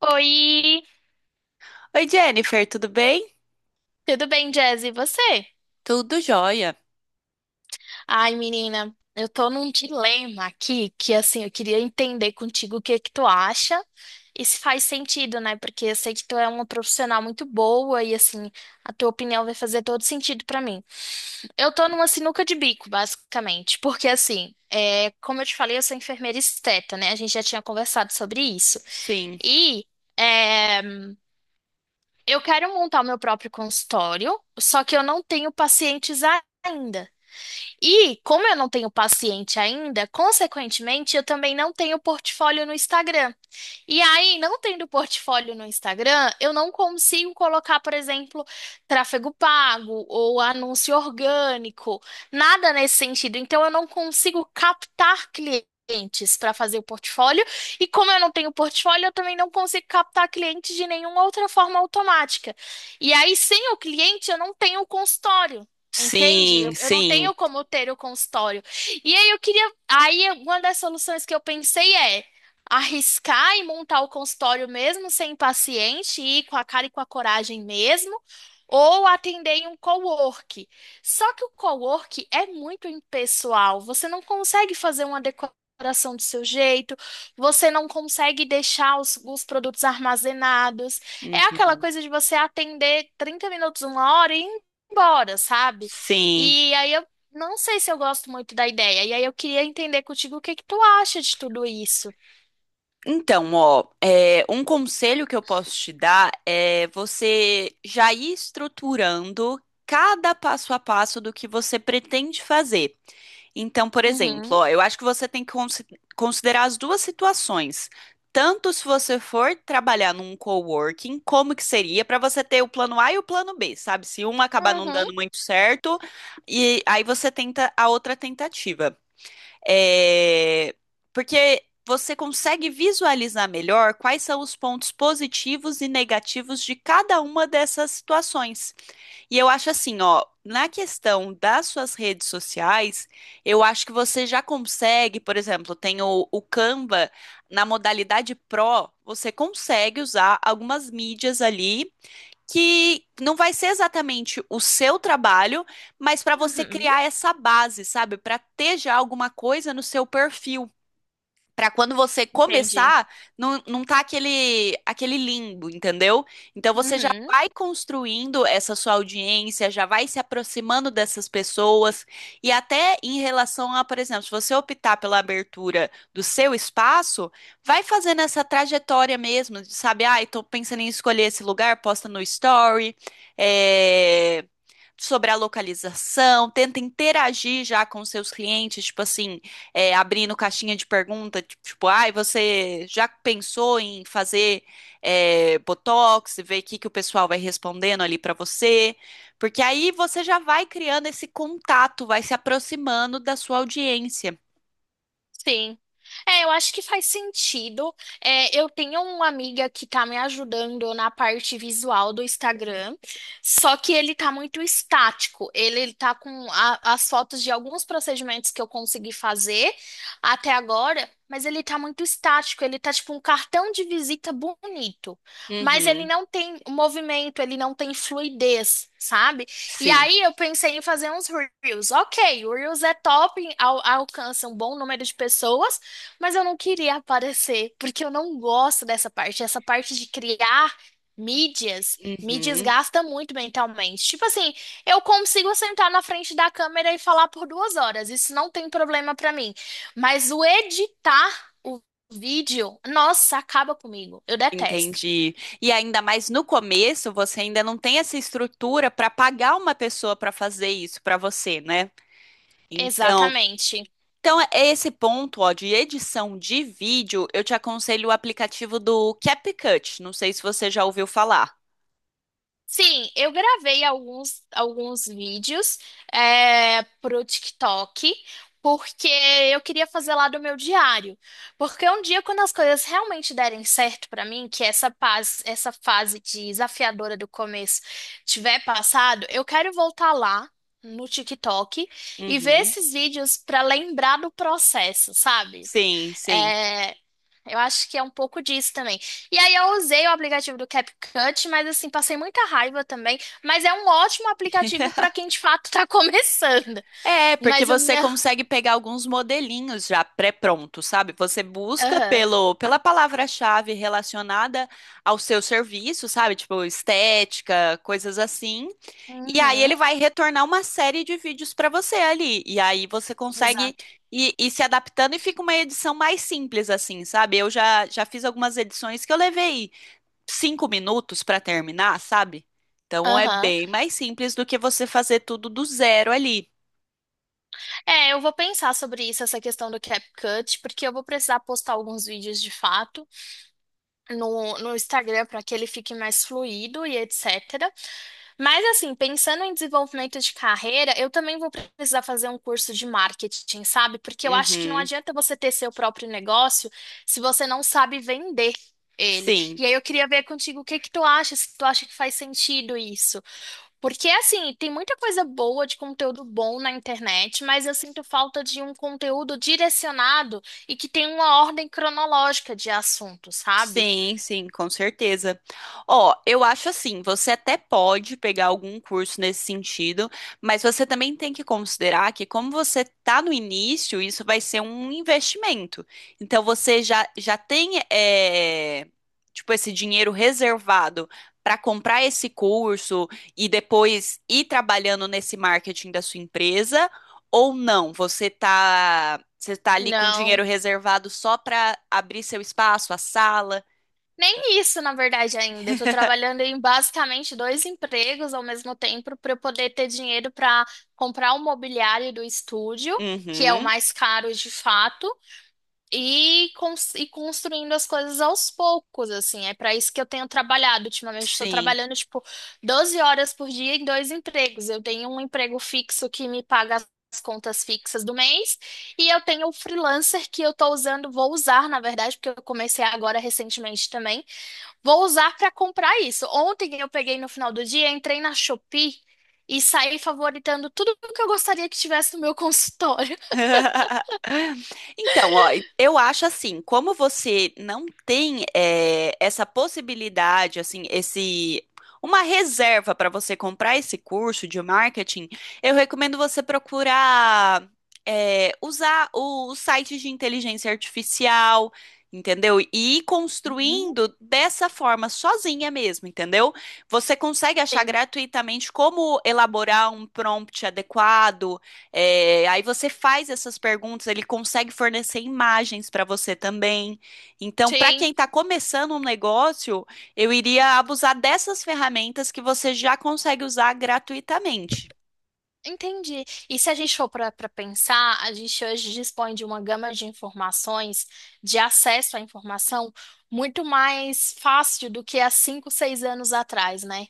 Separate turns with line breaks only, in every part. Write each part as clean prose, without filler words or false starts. Oi,
Oi, Jennifer, tudo bem?
tudo bem, Jazz? E você?
Tudo jóia.
Ai, menina, eu tô num dilema aqui que, assim, eu queria entender contigo o que que tu acha e se faz sentido, né? Porque eu sei que tu é uma profissional muito boa e, assim, a tua opinião vai fazer todo sentido pra mim. Eu tô numa sinuca de bico, basicamente, porque, assim, como eu te falei, eu sou enfermeira esteta, né? A gente já tinha conversado sobre isso.
Sim,
E. é, Eu quero montar o meu próprio consultório, só que eu não tenho pacientes ainda. E, como eu não tenho paciente ainda, consequentemente, eu também não tenho portfólio no Instagram. E aí, não tendo portfólio no Instagram, eu não consigo colocar, por exemplo, tráfego pago ou anúncio orgânico, nada nesse sentido. Então, eu não consigo captar clientes para fazer o portfólio. E como eu não tenho portfólio, eu também não consigo captar clientes de nenhuma outra forma automática. E aí, sem o cliente, eu não tenho o consultório. Entende?
sim,
Eu não
sim.
tenho como ter o consultório. E aí eu queria. Aí uma das soluções que eu pensei é arriscar e montar o consultório mesmo sem paciente, ir com a cara e com a coragem mesmo, ou atender em um cowork. Só que o cowork é muito impessoal, você não consegue fazer uma decoração do seu jeito, você não consegue deixar os produtos armazenados. É aquela
Uhum.
coisa de você atender 30 minutos, uma hora e ir embora, sabe?
Sim.
E aí eu não sei se eu gosto muito da ideia. E aí eu queria entender contigo o que que tu acha de tudo isso.
Então, ó, um conselho que eu posso te dar é você já ir estruturando cada passo a passo do que você pretende fazer. Então, por
Uhum.
exemplo, ó, eu acho que você tem que considerar as duas situações. Tanto se você for trabalhar num coworking, como que seria para você ter o plano A e o plano B, sabe? Se um acabar não
Uhum.
dando muito certo, e aí você tenta a outra tentativa. É, Porque você consegue visualizar melhor quais são os pontos positivos e negativos de cada uma dessas situações. E eu acho assim, ó, na questão das suas redes sociais, eu acho que você já consegue, por exemplo, tem o Canva na modalidade Pro, você consegue usar algumas mídias ali que não vai ser exatamente o seu trabalho, mas para você
Uhum.
criar essa base, sabe? Para ter já alguma coisa no seu perfil. Pra quando você
Entendi.
começar, não tá aquele limbo, entendeu? Então você já
Uhum.
vai construindo essa sua audiência, já vai se aproximando dessas pessoas. E até em relação a, por exemplo, se você optar pela abertura do seu espaço, vai fazendo essa trajetória mesmo, de, sabe? Ah, tô pensando em escolher esse lugar, posta no story, é, sobre a localização, tenta interagir já com seus clientes, tipo assim abrindo caixinha de pergunta, tipo, ai, você já pensou em fazer Botox e ver o que que o pessoal vai respondendo ali pra você? Porque aí você já vai criando esse contato, vai se aproximando da sua audiência.
Sim. É, eu acho que faz sentido. É, eu tenho uma amiga que tá me ajudando na parte visual do Instagram, só que ele tá muito estático. Ele tá com as fotos de alguns procedimentos que eu consegui fazer até agora, mas ele tá muito estático. Ele tá tipo um cartão de visita bonito, mas ele
Uhum,
não tem movimento, ele não tem fluidez, sabe? E
sim.
aí eu pensei em fazer uns Reels. Ok, o Reels é top, alcança um bom número de pessoas, mas eu não queria aparecer, porque eu não gosto dessa parte. Essa parte de criar mídias. Mídias
Uhum,
gasta muito mentalmente. Tipo assim, eu consigo sentar na frente da câmera e falar por 2 horas, isso não tem problema pra mim. Mas o editar o vídeo, nossa, acaba comigo. Eu detesto.
entendi. E ainda mais no começo, você ainda não tem essa estrutura para pagar uma pessoa para fazer isso para você, né? Então,
Exatamente.
então, é esse ponto, ó, de edição de vídeo, eu te aconselho o aplicativo do CapCut. Não sei se você já ouviu falar.
Sim, eu gravei alguns vídeos, pro TikTok, porque eu queria fazer lá do meu diário. Porque um dia, quando as coisas realmente derem certo pra mim, que essa paz, essa fase desafiadora do começo tiver passado, eu quero voltar lá no TikTok e ver
Uhum.
esses vídeos pra lembrar do processo, sabe?
Sim, sim.
É, eu acho que é um pouco disso também. E aí eu usei o aplicativo do CapCut, mas assim, passei muita raiva também. Mas é um ótimo aplicativo para quem de fato tá começando.
É, porque
Mas o
você
meu.
consegue pegar alguns modelinhos já pré-prontos, sabe? Você busca
Aham.
pela palavra-chave relacionada ao seu serviço, sabe? Tipo, estética, coisas assim. E aí
Uhum.
ele vai retornar uma série de vídeos para você ali. E aí você consegue
Exato.
ir se adaptando e fica uma edição mais simples, assim, sabe? Eu já fiz algumas edições que eu levei 5 minutos para terminar, sabe? Então é
Aham.
bem mais simples do que você fazer tudo do zero ali.
É, eu vou pensar sobre isso, essa questão do CapCut, porque eu vou precisar postar alguns vídeos de fato no Instagram para que ele fique mais fluido e etc. Mas assim, pensando em desenvolvimento de carreira, eu também vou precisar fazer um curso de marketing, sabe? Porque eu acho que não
Uhum,
adianta você ter seu próprio negócio se você não sabe vender ele.
sim.
E aí eu queria ver contigo o que que tu acha, se tu acha que faz sentido isso. Porque assim, tem muita coisa boa de conteúdo bom na internet, mas eu sinto falta de um conteúdo direcionado e que tem uma ordem cronológica de assuntos, sabe?
Sim, sim, com certeza. Ó, eu acho assim, você até pode pegar algum curso nesse sentido, mas você também tem que considerar que como você está no início, isso vai ser um investimento. Então você já tem tipo esse dinheiro reservado para comprar esse curso e depois ir trabalhando nesse marketing da sua empresa ou não? Você está ali com dinheiro
Não.
reservado só para abrir seu espaço, a sala.
Nem isso, na verdade, ainda. Eu tô trabalhando em basicamente 2 empregos ao mesmo tempo para eu poder ter dinheiro para comprar o mobiliário do estúdio, que é o
Uhum.
mais caro de fato, e construindo as coisas aos poucos, assim. É para isso que eu tenho trabalhado ultimamente. Estou
Sim.
trabalhando, tipo, 12 horas por dia em 2 empregos. Eu tenho um emprego fixo que me paga as contas fixas do mês. E eu tenho o freelancer que eu tô usando, vou usar, na verdade, porque eu comecei agora recentemente também, vou usar para comprar isso. Ontem eu peguei no final do dia, entrei na Shopee e saí favoritando tudo o que eu gostaria que tivesse no meu consultório.
Então, ó, eu acho assim, como você não tem essa possibilidade, assim, esse uma reserva para você comprar esse curso de marketing, eu recomendo você procurar usar os sites de inteligência artificial, entendeu? E ir
Uhum.
construindo dessa forma, sozinha mesmo, entendeu? Você consegue achar
Sim.
gratuitamente como elaborar um prompt adequado, aí você faz essas perguntas, ele consegue fornecer imagens para você também. Então, para quem
Sim.
está começando um negócio, eu iria abusar dessas ferramentas que você já consegue usar gratuitamente.
Entendi. E se a gente for para pensar, a gente hoje dispõe de uma gama de informações, de acesso à informação, muito mais fácil do que há 5, 6 anos atrás, né?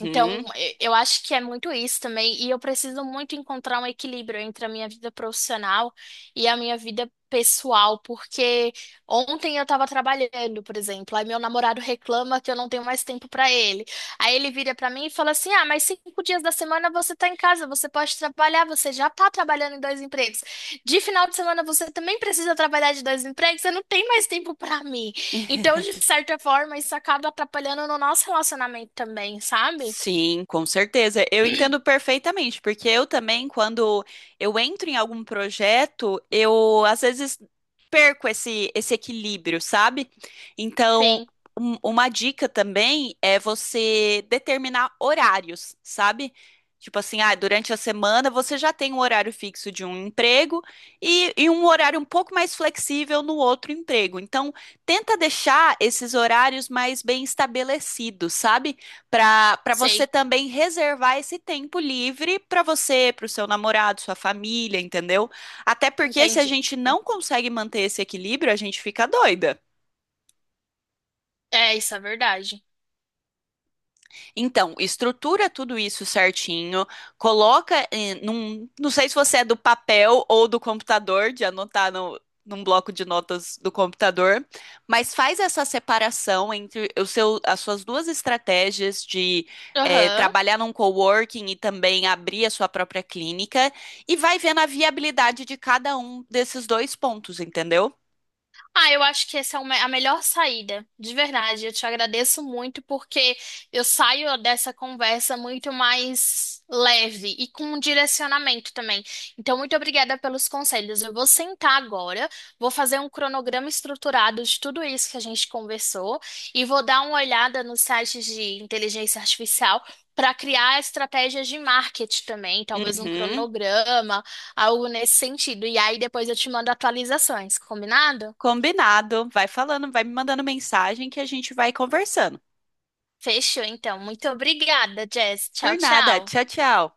Então, eu acho que é muito isso também, e eu preciso muito encontrar um equilíbrio entre a minha vida profissional e a minha vida pessoal, porque ontem eu estava trabalhando, por exemplo, aí meu namorado reclama que eu não tenho mais tempo para ele. Aí ele vira pra mim e fala assim: Ah, mas 5 dias da semana você tá em casa, você pode trabalhar, você já tá trabalhando em 2 empregos. De final de semana você também precisa trabalhar de 2 empregos, você não tem mais tempo pra mim. Então, de certa forma, isso acaba atrapalhando no nosso relacionamento também, sabe?
Sim, com certeza. Eu entendo perfeitamente, porque eu também, quando eu entro em algum projeto, eu às vezes perco esse equilíbrio, sabe? Então,
Sim,
uma dica também é você determinar horários, sabe? Tipo assim, ah, durante a semana você já tem um horário fixo de um emprego e um horário um pouco mais flexível no outro emprego. Então, tenta deixar esses horários mais bem estabelecidos, sabe? Para você
sei,
também reservar esse tempo livre para você, para o seu namorado, sua família, entendeu? Até porque se a
entendi.
gente não consegue manter esse equilíbrio, a gente fica doida.
É, isso é verdade.
Então, estrutura tudo isso certinho, coloca em, num, não sei se você é do papel ou do computador, de anotar no, num bloco de notas do computador, mas faz essa separação entre o seu, as suas duas estratégias de
Aham.
trabalhar num coworking e também abrir a sua própria clínica, e vai vendo a viabilidade de cada um desses dois pontos, entendeu?
Ah, eu acho que essa é a melhor saída, de verdade. Eu te agradeço muito porque eu saio dessa conversa muito mais leve e com um direcionamento também. Então, muito obrigada pelos conselhos. Eu vou sentar agora, vou fazer um cronograma estruturado de tudo isso que a gente conversou e vou dar uma olhada nos sites de inteligência artificial para criar estratégias de marketing também, talvez um
Uhum,
cronograma, algo nesse sentido. E aí depois eu te mando atualizações, combinado?
combinado. Vai falando, vai me mandando mensagem que a gente vai conversando.
Fechou, então. Muito obrigada, Jess. Tchau,
Por nada.
tchau.
Tchau, tchau.